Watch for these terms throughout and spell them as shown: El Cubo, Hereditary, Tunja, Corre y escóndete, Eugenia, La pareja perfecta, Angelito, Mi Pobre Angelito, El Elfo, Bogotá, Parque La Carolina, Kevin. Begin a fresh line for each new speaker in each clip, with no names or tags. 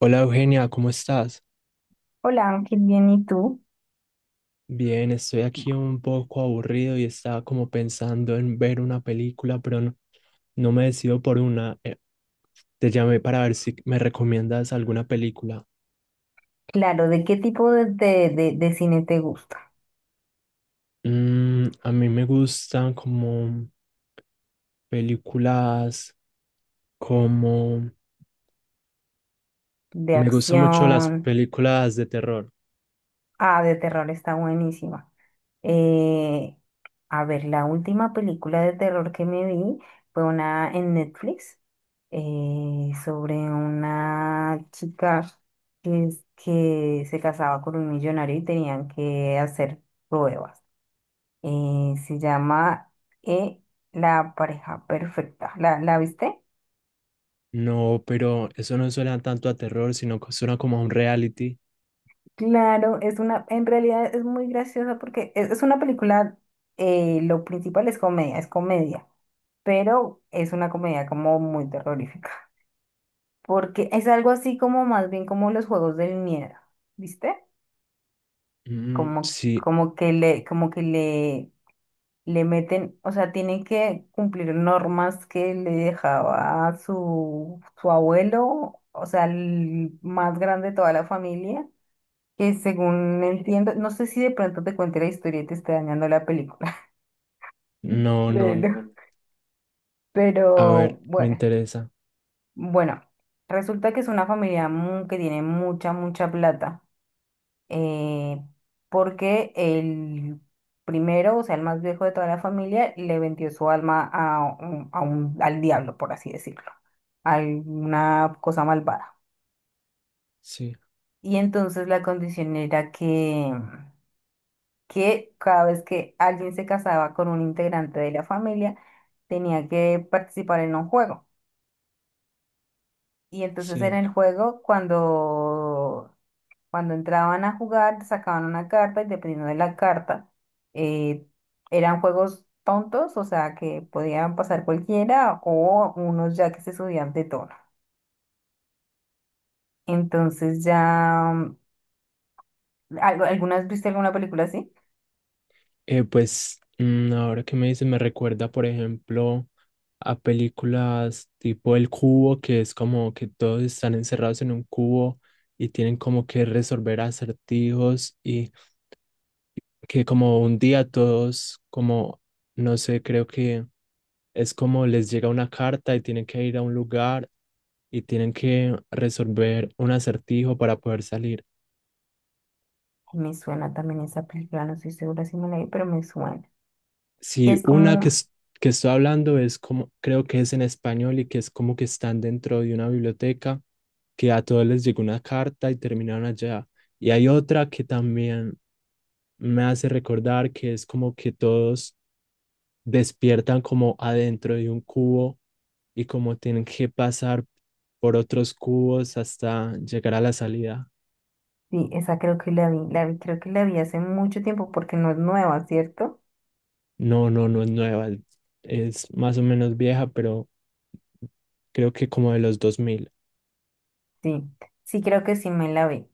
Hola Eugenia, ¿cómo estás?
Hola Ángel, bien, ¿y tú?
Bien, estoy aquí un poco aburrido y estaba como pensando en ver una película, pero no, no me decido por una. Te llamé para ver si me recomiendas alguna película.
Claro, ¿de qué tipo de cine te gusta?
Mm, a mí me gustan como películas, como...
¿De
Me gustan mucho las
acción?
películas de terror.
Ah, de terror está buenísima. Eh, a ver, la última película de terror que me vi fue una en Netflix, sobre una chica que se casaba con un millonario y tenían que hacer pruebas. Se llama eh, La pareja perfecta. ¿La viste?
No, pero eso no suena tanto a terror, sino que suena como a un reality.
Claro, es una, en realidad es muy graciosa porque es una película, lo principal es comedia, pero es una comedia como muy terrorífica, porque es algo así como más bien como los juegos del miedo, ¿viste?
Mm,
Como,
sí,
como que le, como que le, le meten, o sea, tienen que cumplir normas que le dejaba su abuelo, o sea, el más grande de toda la familia que según entiendo, no sé si de pronto te cuente la historia y te esté dañando la película,
no, no, no.
pero,
A
pero
ver, me
bueno,
interesa.
bueno, resulta que es una familia que tiene mucha plata, eh, porque el primero, o sea, el más viejo de toda la familia, le vendió su alma al diablo, por así decirlo, a una cosa malvada.
Sí,
Y entonces la condición era que cada vez que alguien se casaba con un integrante de la familia, tenía que participar en un juego. Y entonces en
sí.
el juego, cuando entraban a jugar, sacaban una carta y dependiendo de la carta, eh, eran juegos tontos, o sea, que podían pasar cualquiera o unos ya que se subían de tono. Entonces ya, ¿alguna vez viste alguna película así?
Ahora que me dices, me recuerda, por ejemplo, a películas tipo El Cubo, que es como que todos están encerrados en un cubo y tienen como que resolver acertijos y que como un día todos, como, no sé, creo que es como les llega una carta y tienen que ir a un lugar y tienen que resolver un acertijo para poder salir.
Me suena también esa película, no estoy segura si me la vi, pero me suena. Que
Sí,
es
una que,
como.
que estoy hablando es como, creo que es en español y que es como que están dentro de una biblioteca, que a todos les llegó una carta y terminaron allá. Y hay otra que también me hace recordar que es como que todos despiertan como adentro de un cubo y como tienen que pasar por otros cubos hasta llegar a la salida.
Sí, esa creo que la vi, creo que la vi hace mucho tiempo porque no es nueva, ¿cierto?
No, no, no es nueva, es más o menos vieja, pero creo que como de los 2000.
Sí, sí creo que sí me la vi.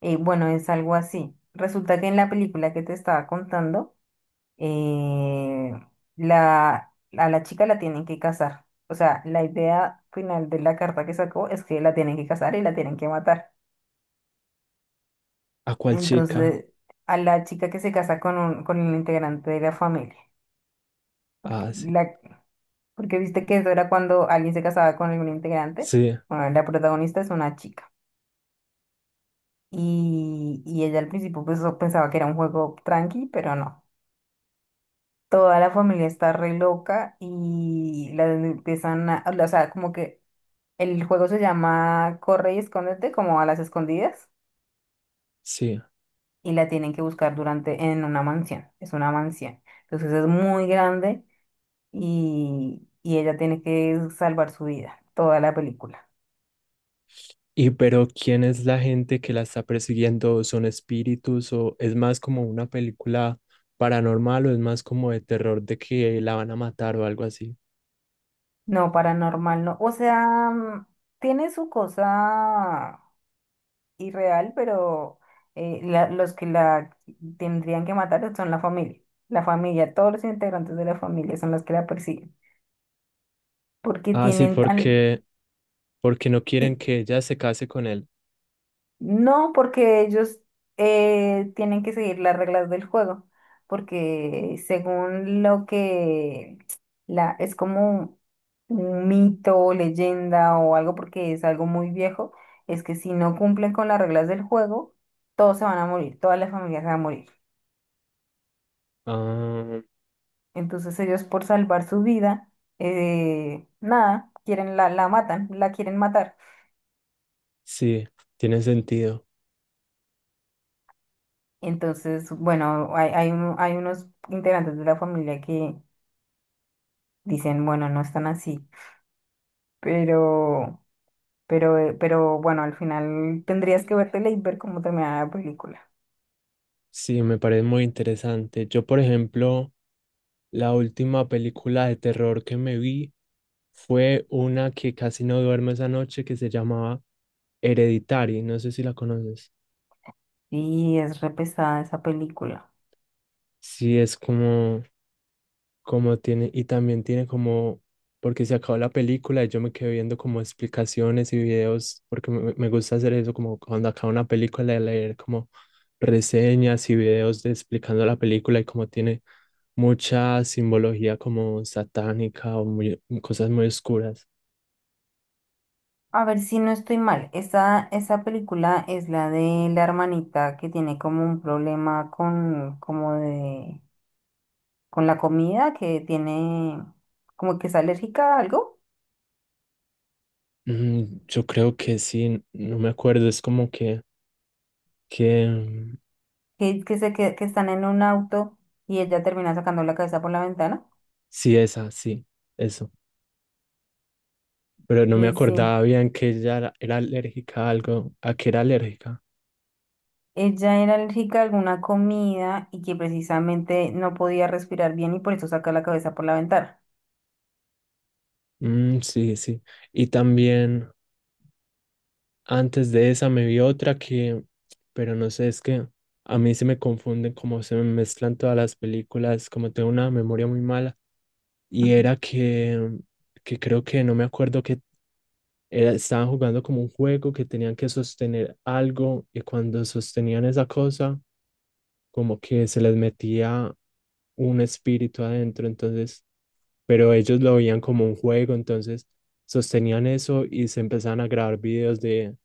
Bueno, es algo así. Resulta que en la película que te estaba contando, eh, a la chica la tienen que casar. O sea, la idea final de la carta que sacó es que la tienen que casar y la tienen que matar.
¿A cuál chica?
Entonces, a la chica que se casa con con el integrante de la familia, porque
Ah, sí.
la, porque viste que eso era cuando alguien se casaba con algún integrante.
Sí,
Bueno, la protagonista es una chica. Y ella al principio pues, pensaba que era un juego tranqui, pero no. Toda la familia está re loca y la empiezan a, o sea, como que el juego se llama Corre y escóndete, como a las escondidas,
sí.
y la tienen que buscar en una mansión. Es una mansión. Entonces es muy grande y ella tiene que salvar su vida, toda la película.
Y pero ¿quién es la gente que la está persiguiendo? ¿Son espíritus o es más como una película paranormal o es más como de terror de que la van a matar o algo así?
No, paranormal no. O sea, mm, tiene su cosa irreal, pero los que la tendrían que matar son la familia. La familia, todos los integrantes de la familia son los que la persiguen. Porque
Ah, sí,
tienen tan...
porque porque no quieren que ella se case con él.
No, porque ellos tienen que seguir las reglas del juego, porque según lo que es como un mito, leyenda o algo, porque es algo muy viejo, es que si no cumplen con las reglas del juego, todos se van a morir, todas las familias se van a morir.
Ah,
Entonces ellos por salvar su vida, nada, la matan, la quieren matar.
sí, tiene sentido.
Entonces, bueno, hay unos integrantes de la familia que dicen, bueno, no están así, pero, pero bueno, al final tendrías que vértela y ver cómo termina la película.
Sí, me parece muy interesante. Yo, por ejemplo, la última película de terror que me vi fue una que casi no duermo esa noche que se llamaba Hereditary, no sé si la conoces.
Y es re pesada esa película.
Sí, es como, como tiene, y también tiene como, porque se acabó la película y yo me quedé viendo como explicaciones y videos, porque me gusta hacer eso, como cuando acaba una película, de leer como reseñas y videos de explicando la película y como tiene mucha simbología como satánica o muy- cosas muy oscuras.
A ver si no estoy mal, esa película es la de la hermanita que tiene como un problema con la comida, como que es alérgica a algo,
Mm, yo creo que sí, no me acuerdo, es como que, que mm,
que se, que están en un auto y ella termina sacando la cabeza por la ventana.
sí, esa, sí, eso. Pero no me
Sí, sí.
acordaba bien que ella era, era alérgica a algo, a que era alérgica.
Ella era alérgica a alguna comida y que precisamente no podía respirar bien y por eso saca la cabeza por la ventana.
Mm, sí, sí. Y también antes de esa me vi otra que, pero no sé, es que a mí se me confunden como se me mezclan todas las películas, como tengo una memoria muy mala. Y era que creo que no me acuerdo qué estaban jugando como un juego que tenían que sostener algo y cuando sostenían esa cosa, como que se les metía un espíritu adentro, entonces, pero ellos lo veían como un juego, entonces sostenían eso y se empezaban a grabar videos de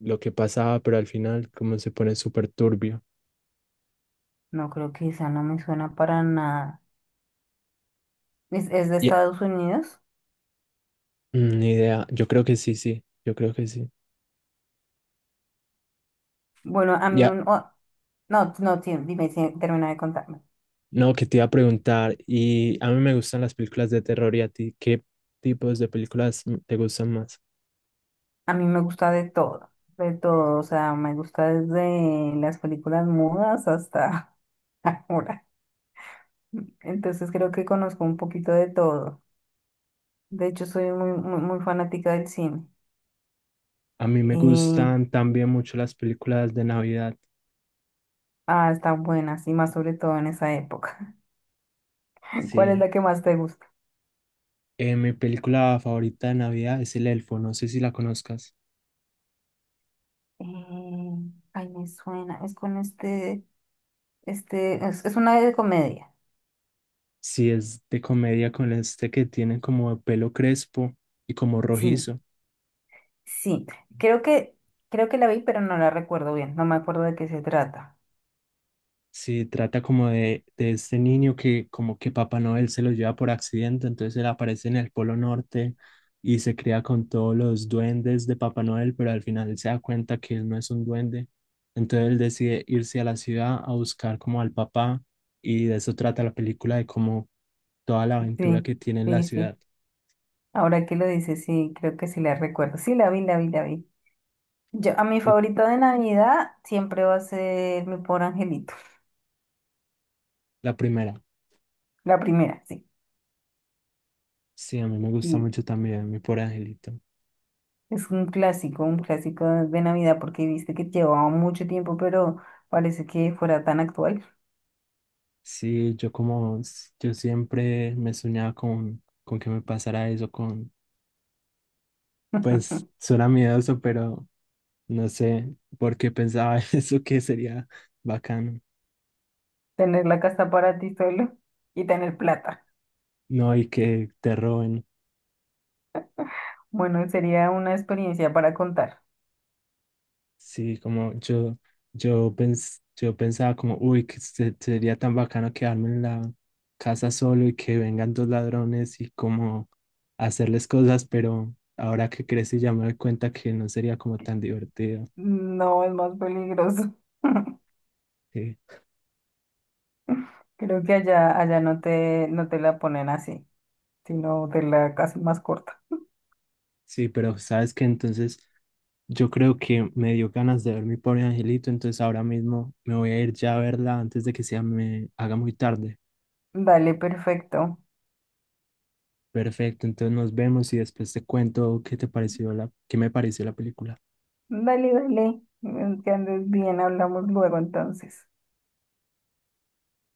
lo que pasaba, pero al final como se pone súper turbio.
No creo que esa no me suena para nada. Es de
Y
Estados Unidos?
Ni idea, yo creo que sí, sí, yo creo que sí.
Bueno, a mí
Ya,
un... oh, no, no, sí, dime, sí, termina de contarme.
no, que te iba a preguntar, y a mí me gustan las películas de terror y a ti, ¿qué tipos de películas te gustan más?
A mí me gusta de todo, o sea, me gusta desde las películas mudas hasta ahora. Entonces creo que conozco un poquito de todo. De hecho, soy muy, muy, muy fanática del cine.
A mí me
Eh,
gustan también mucho las películas de Navidad.
Ah, están buenas y más sobre todo en esa época. ¿Cuál es
Sí.
la que más te gusta?
Mi película favorita de Navidad es El Elfo, no sé si la conozcas.
Eh, ay, me suena. Es con este, es una de comedia.
Sí, es de comedia con este que tiene como pelo crespo y como
Sí,
rojizo.
sí. Creo que, creo que la vi, pero no la recuerdo bien. No me acuerdo de qué se trata.
Sí, trata como de este niño que como que Papá Noel se lo lleva por accidente, entonces él aparece en el Polo Norte y se crea con todos los duendes de Papá Noel, pero al final él se da cuenta que él no es un duende, entonces él decide irse a la ciudad a buscar como al papá y de eso trata la película, de como toda la aventura
Sí,
que tiene en la
sí,
ciudad.
sí. Ahora que lo dices, sí, creo que sí la recuerdo. Sí, la vi. Yo, a mi
Y
favorita de Navidad siempre va a ser Mi Pobre Angelito.
la primera,
La primera, sí.
sí, a mí me gusta
Sí,
mucho también, mi por Angelito.
es un clásico de Navidad, porque viste que llevaba mucho tiempo, pero parece que fuera tan actual.
Sí, yo como, yo siempre me soñaba con que me pasara eso, con, pues suena miedoso, pero no sé por qué pensaba eso que sería bacano,
Tener la casa para ti solo y tener plata.
no, y que te roben,
Bueno, sería una experiencia para contar.
sí, como yo, yo pensaba como, uy, sería tan bacano quedarme en la casa solo y que vengan dos ladrones y como hacerles cosas, pero ahora que crecí ya me doy cuenta que no sería como tan divertido.
No, es más peligroso. Creo que allá no te, no te la ponen así, sino te la casi más corta.
Sí, pero sabes que entonces yo creo que me dio ganas de ver mi pobre angelito, entonces ahora mismo me voy a ir ya a verla antes de que sea me haga muy tarde.
Dale, perfecto.
Perfecto, entonces nos vemos y después te cuento qué te pareció la, qué me pareció la película.
Dale, dale. Que andes bien, hablamos luego entonces.